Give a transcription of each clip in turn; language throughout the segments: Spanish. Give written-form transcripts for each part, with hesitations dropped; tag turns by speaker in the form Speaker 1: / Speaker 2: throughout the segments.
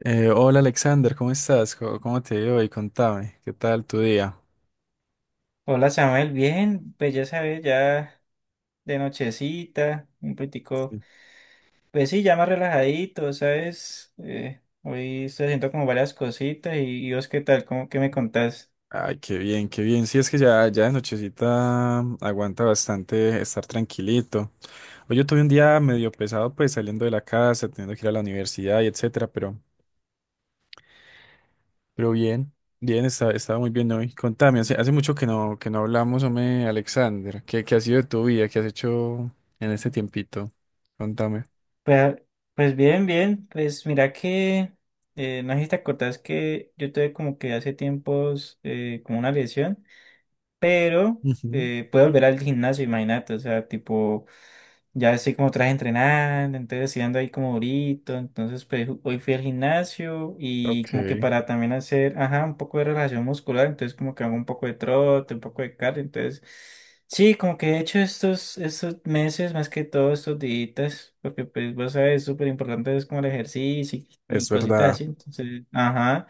Speaker 1: Hola Alexander, ¿cómo estás? ¿Cómo te ha ido hoy? Contame, ¿qué tal tu día?
Speaker 2: Hola Samuel, bien, pues ya sabes, ya de nochecita, un poquitico,
Speaker 1: Sí.
Speaker 2: pues sí, ya más relajadito, ¿sabes? Hoy estoy haciendo como varias cositas y vos qué tal, ¿cómo que me contás?
Speaker 1: Ay, qué bien, qué bien. Sí, es que ya de nochecita aguanta bastante estar tranquilito. Hoy yo tuve un día medio pesado, pues saliendo de la casa, teniendo que ir a la universidad y etcétera, pero bien, bien, estaba muy bien hoy. Contame, hace mucho que no hablamos, hombre, Alexander. ¿Qué ha sido de tu vida? ¿Qué has hecho en este tiempito? Contame.
Speaker 2: Pues, pues bien, bien, pues mira que, no sé si te acordás que yo tuve como que hace tiempos como una lesión, pero
Speaker 1: Ujú.
Speaker 2: pude volver al gimnasio, imagínate, o sea, tipo... Ya estoy como tras entrenando, entonces sí ando ahí como durito. Entonces, pues hoy fui al gimnasio y
Speaker 1: Ok,
Speaker 2: como que para también hacer, ajá, un poco de relajación muscular. Entonces, como que hago un poco de trote, un poco de cardio. Entonces, sí, como que he hecho estos meses, más que todo estos días, porque pues vos sabes, es súper importante es como el ejercicio y,
Speaker 1: es
Speaker 2: y cositas
Speaker 1: verdad,
Speaker 2: así. Entonces, ajá.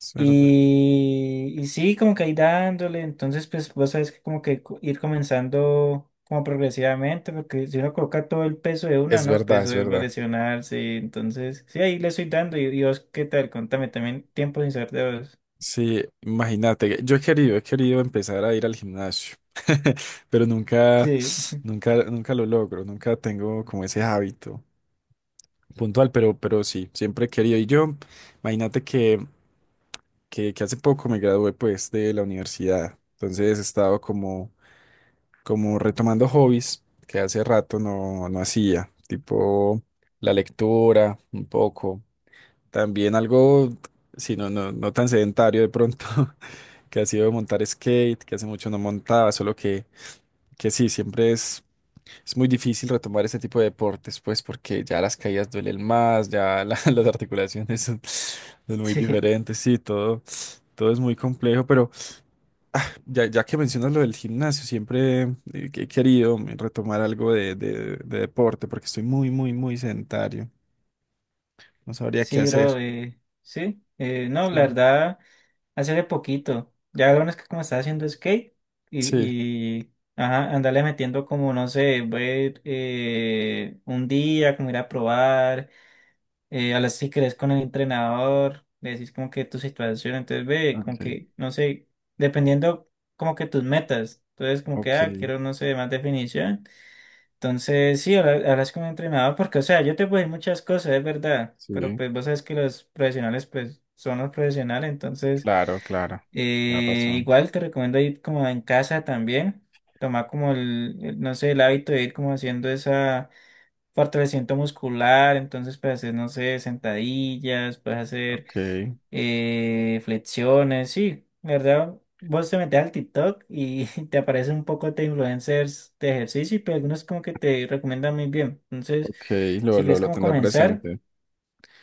Speaker 1: es verdad.
Speaker 2: Y sí, como que ahí dándole, entonces pues vos sabés que como que ir comenzando como progresivamente, porque si uno coloca todo el peso de una,
Speaker 1: Es
Speaker 2: ¿no?
Speaker 1: verdad,
Speaker 2: Pues
Speaker 1: es
Speaker 2: eso va a
Speaker 1: verdad.
Speaker 2: lesionarse, entonces sí, ahí le estoy dando. Y vos, ¿qué tal? Contame también tiempo sin saber de vos.
Speaker 1: Sí, imagínate, he querido empezar a ir al gimnasio, pero nunca,
Speaker 2: Sí,
Speaker 1: nunca, nunca lo logro, nunca tengo como ese hábito puntual, pero sí, siempre he querido. Y yo, imagínate que, que hace poco me gradué pues de la universidad, entonces he estado como, como retomando hobbies que hace rato no hacía, tipo la lectura, un poco, también algo, si no tan sedentario de pronto. Que ha sido montar skate, que hace mucho no montaba, solo que sí, siempre es muy difícil retomar ese tipo de deportes, pues porque ya las caídas duelen más, las articulaciones son, son muy
Speaker 2: sí,
Speaker 1: diferentes, sí, todo, todo es muy complejo, pero ya, ya que mencionas lo del gimnasio, siempre que he querido retomar algo de deporte, porque estoy muy, muy, muy sedentario, no sabría qué
Speaker 2: sí,
Speaker 1: hacer.
Speaker 2: bro, sí, no, la
Speaker 1: Sí.
Speaker 2: verdad. Hace de poquito. Ya lo bueno es que como estaba haciendo skate
Speaker 1: Sí,
Speaker 2: y ajá, andarle metiendo como, no sé, voy, un día, como ir a probar, a las si crees con el entrenador, le decís como que tu situación, entonces ve, como
Speaker 1: ok,
Speaker 2: que, no sé, dependiendo como que tus metas. Entonces como que,
Speaker 1: ok,
Speaker 2: ah, quiero, no sé, más definición. Entonces, sí, hablas con un entrenador porque, o sea, yo te puedo decir muchas cosas, es verdad, pero
Speaker 1: sí,
Speaker 2: pues vos sabes que los profesionales, pues, son los profesionales, entonces,
Speaker 1: claro, claro, tienes razón,
Speaker 2: igual te recomiendo ir como en casa también, tomar como no sé, el hábito de ir como haciendo esa fortalecimiento muscular, entonces puedes hacer, no sé, sentadillas, puedes hacer
Speaker 1: ok.
Speaker 2: flexiones, sí, la ¿verdad? Vos te metes al TikTok y te aparecen un poco de influencers de ejercicio, pero algunos como que te recomiendan muy bien. Entonces,
Speaker 1: Ok,
Speaker 2: si quieres
Speaker 1: lo
Speaker 2: como
Speaker 1: tendré
Speaker 2: comenzar,
Speaker 1: presente.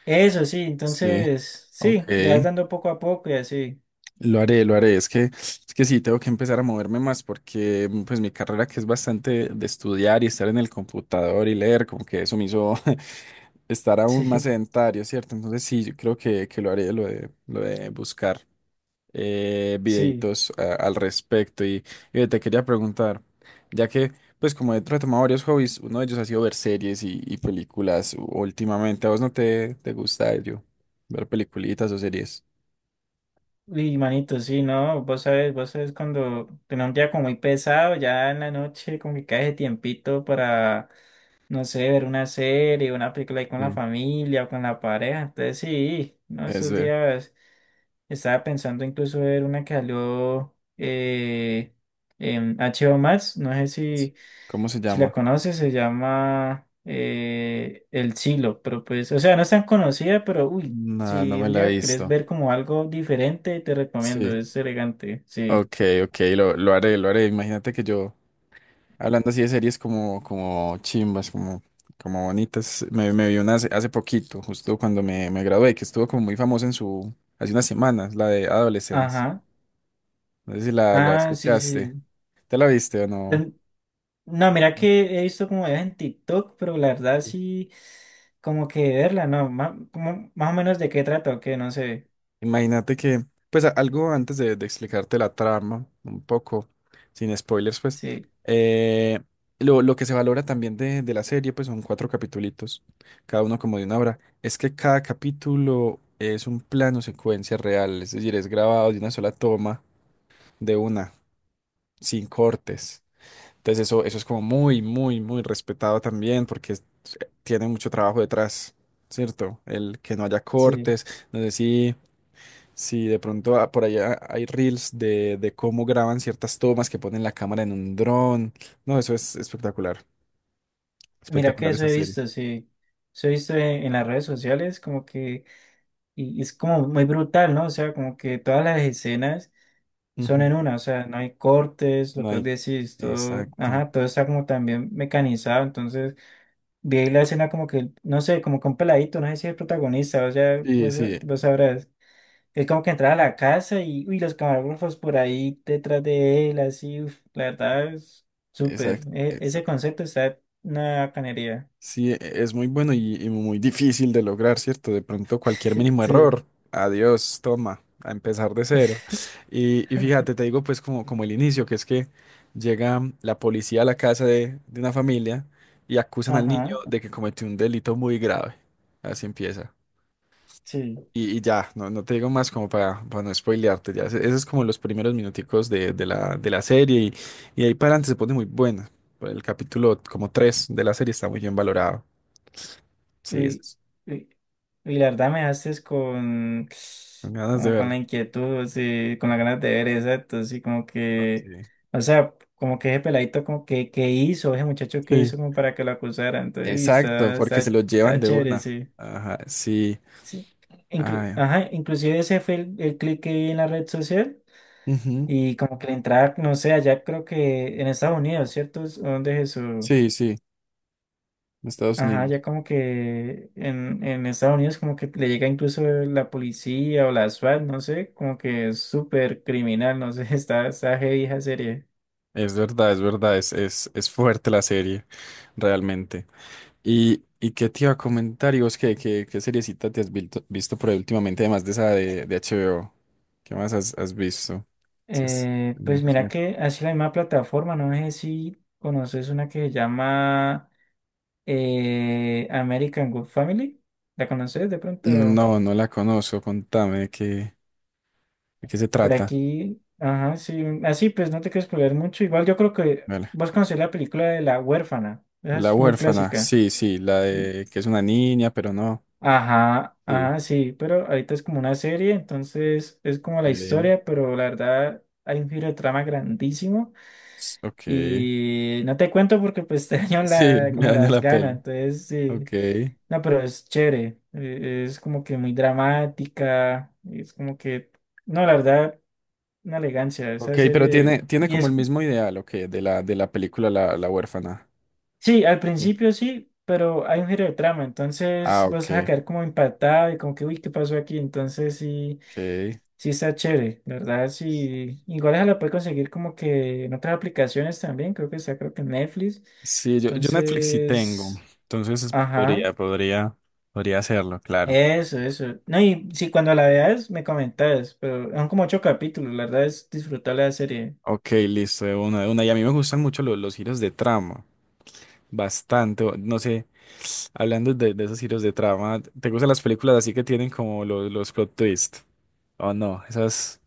Speaker 2: eso sí,
Speaker 1: Sí,
Speaker 2: entonces,
Speaker 1: ok,
Speaker 2: sí, le vas dando poco a poco y así.
Speaker 1: lo haré, lo haré. Es que sí, tengo que empezar a moverme más porque pues mi carrera que es bastante de estudiar y estar en el computador y leer, como que eso me hizo estar aún más
Speaker 2: Sí,
Speaker 1: sedentario, ¿cierto? Entonces sí, yo creo que lo haré, lo lo de buscar.
Speaker 2: sí.
Speaker 1: Videitos al respecto. Y te quería preguntar, ya que, pues como he retomado varios hobbies, uno de ellos ha sido ver series y películas últimamente. ¿A vos no te, te gusta ello? Ver peliculitas o series.
Speaker 2: Y manito, sí, no, vos sabes cuando tenés un día como muy pesado, ya en la noche como que cae ese tiempito para no sé, ver una serie, una película ahí con la
Speaker 1: Sí.
Speaker 2: familia o con la pareja. Entonces sí, no,
Speaker 1: Es
Speaker 2: esos
Speaker 1: ver.
Speaker 2: días estaba pensando incluso ver una que salió en HBO Max, no sé si,
Speaker 1: ¿Cómo se
Speaker 2: si la
Speaker 1: llama?
Speaker 2: conoces, se llama El Silo, pero pues, o sea, no es tan conocida, pero uy,
Speaker 1: No, no
Speaker 2: si
Speaker 1: me
Speaker 2: un
Speaker 1: la he
Speaker 2: día querés
Speaker 1: visto.
Speaker 2: ver como algo diferente, te recomiendo,
Speaker 1: Sí.
Speaker 2: es elegante, sí.
Speaker 1: Ok, ok, lo haré, lo haré. Imagínate que yo. Hablando así de series como, como chimbas, como, como bonitas, me vi una hace poquito, justo cuando me gradué, que estuvo como muy famosa en su, hace unas semanas, la de Adolescence.
Speaker 2: Ajá.
Speaker 1: No sé si la
Speaker 2: Ah, sí,
Speaker 1: escuchaste.
Speaker 2: sí.
Speaker 1: ¿Te la viste o no?
Speaker 2: No, mira que he visto como videos en TikTok, pero la verdad sí, como que verla, no, más, como, más o menos de qué trata o qué, no sé.
Speaker 1: Imagínate que, pues algo antes de explicarte la trama, un poco, sin spoilers, pues,
Speaker 2: Sí,
Speaker 1: eh, lo que se valora también de la serie, pues son cuatro capitulitos, cada uno como de una hora, es que cada capítulo es un plano secuencia real, es decir, es grabado de una sola toma, de una, sin cortes. Entonces eso es como muy, muy, muy respetado también porque tiene mucho trabajo detrás, ¿cierto? El que no haya
Speaker 2: sí.
Speaker 1: cortes, no sé si... Si de pronto por allá hay reels de cómo graban ciertas tomas que ponen la cámara en un dron. No, eso es espectacular.
Speaker 2: Mira que
Speaker 1: Espectacular
Speaker 2: eso
Speaker 1: esa
Speaker 2: he
Speaker 1: serie.
Speaker 2: visto, sí. Eso he visto en las redes sociales, como que, y es como muy brutal, ¿no? O sea, como que todas las escenas son
Speaker 1: Ujú.
Speaker 2: en una, o sea, no hay cortes, lo
Speaker 1: No
Speaker 2: que vos
Speaker 1: hay.
Speaker 2: decís, todo,
Speaker 1: Exacto.
Speaker 2: ajá, todo está como también mecanizado, entonces vi ahí la escena como que, no sé, como con peladito, no sé si es el protagonista, o sea,
Speaker 1: Sí,
Speaker 2: vos,
Speaker 1: sí,
Speaker 2: vos sabrás. Es como que entraba a la casa y uy, los camarógrafos por ahí detrás de él, así, uf, la verdad es súper.
Speaker 1: exacto.
Speaker 2: Ese concepto está en una bacanería.
Speaker 1: Sí, es muy bueno y muy difícil de lograr, ¿cierto? De pronto cualquier mínimo
Speaker 2: Sí.
Speaker 1: error, adiós, toma, a empezar de cero. Y fíjate, te digo pues como, como el inicio, que es que llega la policía a la casa de una familia y acusan al niño
Speaker 2: Ajá,
Speaker 1: de que cometió un delito muy grave. Así empieza.
Speaker 2: sí.
Speaker 1: Y ya, no, no te digo más como para no spoilearte, ya. Esos es como los primeros minuticos de la serie y ahí para adelante se pone muy buena. Pues, el capítulo como 3 de la serie está muy bien valorado. Sí,
Speaker 2: Uy, uy, uy, la verdad me haces con,
Speaker 1: con ganas de
Speaker 2: como con la
Speaker 1: verlo.
Speaker 2: inquietud, sí, con las ganas de ver, exacto, sí, como que,
Speaker 1: Ok.
Speaker 2: o sea, como que ese peladito, como que hizo, ese muchacho que hizo
Speaker 1: Sí,
Speaker 2: como para que lo acusara, entonces, uy,
Speaker 1: exacto, porque se lo llevan
Speaker 2: está
Speaker 1: de
Speaker 2: chévere,
Speaker 1: una.
Speaker 2: sí.
Speaker 1: Ajá, sí.
Speaker 2: Sí.
Speaker 1: Ay,
Speaker 2: Ajá, inclusive ese fue el clic que vi en la red social
Speaker 1: ujú.
Speaker 2: y como que la entrada, no sé, allá creo que en Estados Unidos, ¿cierto? ¿Es donde es eso?
Speaker 1: Sí, sí, en Estados
Speaker 2: Ajá,
Speaker 1: Unidos.
Speaker 2: ya como que en Estados Unidos como que le llega incluso la policía o la SWAT, no sé, como que es súper criminal, no sé, está, está heavy esa serie.
Speaker 1: Es verdad, es verdad, es fuerte la serie, realmente. Y qué te iba a comentar? ¿Y vos qué, qué, qué seriecita te has visto, por ahí últimamente, además de esa de HBO? ¿Qué más has, has visto? Es que es
Speaker 2: Pues
Speaker 1: muy
Speaker 2: mira
Speaker 1: chévere.
Speaker 2: que hace la misma plataforma, no sé si conoces una que se llama American Good Family, ¿la conoces de pronto?
Speaker 1: No, no la conozco, contame de qué se
Speaker 2: Pero
Speaker 1: trata.
Speaker 2: aquí, ajá, sí, así pues no te quieres spoilear mucho. Igual yo creo que
Speaker 1: Vale,
Speaker 2: vas a conocer la película de La Huérfana, esa
Speaker 1: La
Speaker 2: es muy
Speaker 1: huérfana,
Speaker 2: clásica.
Speaker 1: sí, sí, la
Speaker 2: ¿Sí?
Speaker 1: de que es una niña, pero no.
Speaker 2: Ajá,
Speaker 1: Sí.
Speaker 2: ajá, sí, pero ahorita es como una serie, entonces es como la
Speaker 1: eh,
Speaker 2: historia, pero la verdad hay un giro de trama grandísimo
Speaker 1: Ok.
Speaker 2: y no te cuento porque pues te daño
Speaker 1: Sí,
Speaker 2: la,
Speaker 1: me
Speaker 2: como
Speaker 1: daña
Speaker 2: las
Speaker 1: la
Speaker 2: ganas,
Speaker 1: peli.
Speaker 2: entonces
Speaker 1: Ok.
Speaker 2: sí, no, pero es chévere, es como que muy dramática, es como que, no, la verdad, una elegancia esa
Speaker 1: Ok, pero
Speaker 2: serie
Speaker 1: tiene, tiene
Speaker 2: y
Speaker 1: como el
Speaker 2: es
Speaker 1: mismo ideal, ok, de la película La, La huérfana.
Speaker 2: Sí, al
Speaker 1: Sí.
Speaker 2: principio sí, pero hay un giro de trama,
Speaker 1: Ah,
Speaker 2: entonces vas a
Speaker 1: ok.
Speaker 2: quedar como impactado y como que, uy, ¿qué pasó aquí? Entonces sí,
Speaker 1: Ok.
Speaker 2: sí está chévere, la ¿verdad? Sí, igual esa la puedes conseguir como que en otras aplicaciones también, creo que está, creo que en Netflix.
Speaker 1: Sí, yo Netflix sí tengo.
Speaker 2: Entonces,
Speaker 1: Entonces
Speaker 2: ajá,
Speaker 1: podría, podría, podría hacerlo, claro.
Speaker 2: eso, eso. No, y si cuando la veas me comentas, pero son como ocho capítulos, la verdad es disfrutar la serie.
Speaker 1: Ok, listo, de una, de una. Y a mí me gustan mucho los giros de trama. Bastante. No sé. Hablando de esos giros de trama, ¿te gustan las películas así que tienen como los plot twist? O no, esas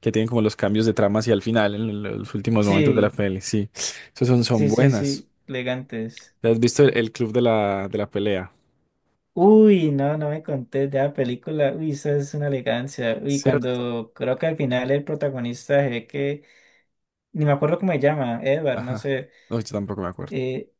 Speaker 1: que tienen como los cambios de trama hacia el final, en los últimos momentos de la
Speaker 2: Sí,
Speaker 1: peli, sí. Esas son, son
Speaker 2: sí, sí,
Speaker 1: buenas.
Speaker 2: sí, elegantes.
Speaker 1: ¿Te has visto el club de la pelea?
Speaker 2: Uy, no, no me conté de la película. Uy, esa es una elegancia. Uy,
Speaker 1: Cierto.
Speaker 2: cuando creo que al final el protagonista se ve que, ni me acuerdo cómo se llama, Edward, no
Speaker 1: Ajá.
Speaker 2: sé.
Speaker 1: No, yo tampoco me acuerdo.
Speaker 2: eh,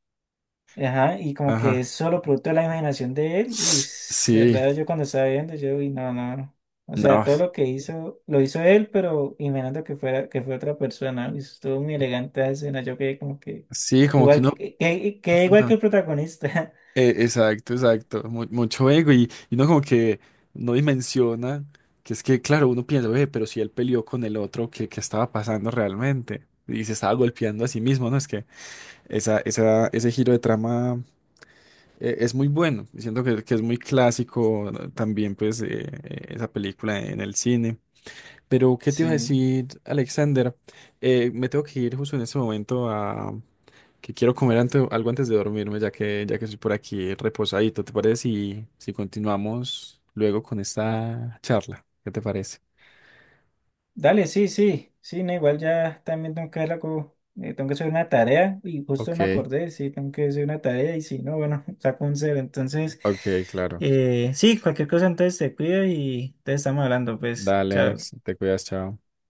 Speaker 2: ajá, y como que
Speaker 1: Ajá.
Speaker 2: es solo producto de la imaginación de él. Uy, es
Speaker 1: Sí,
Speaker 2: verdad, yo cuando estaba viendo, yo, uy, no, no. No. O sea,
Speaker 1: no.
Speaker 2: todo lo que hizo, lo hizo él, pero imaginando que fuera, que fue otra persona. Uy, estuvo muy elegante esa escena. Yo quedé como que,
Speaker 1: Sí, como que
Speaker 2: igual que,
Speaker 1: uno...
Speaker 2: que igual que el protagonista.
Speaker 1: Exacto, exacto. Mucho ego y uno como que no dimensiona que es que, claro, uno piensa, "Ve, pero si él peleó con el otro, ¿qué, qué estaba pasando realmente? Y se estaba golpeando a sí mismo, ¿no?". Es que esa, ese giro de trama es muy bueno. Y siento que es muy clásico, ¿no? También, pues, esa película en el cine. Pero, ¿qué te iba a
Speaker 2: Sí.
Speaker 1: decir, Alexander? Me tengo que ir justo en este momento que quiero comer algo antes de dormirme, ya que estoy por aquí reposadito. ¿Te parece si, si continuamos luego con esta charla? ¿Qué te parece?
Speaker 2: Dale, sí, sí, sí, no, igual ya también tengo que hacer como, tengo que hacer una tarea y justo
Speaker 1: Ok,
Speaker 2: me acordé, sí, tengo que hacer una tarea y si no, bueno, saco un cero. Entonces,
Speaker 1: ok, claro.
Speaker 2: sí, cualquier cosa entonces te cuido y te estamos hablando, pues,
Speaker 1: Dale,
Speaker 2: chao.
Speaker 1: Alex, te cuidas, chao.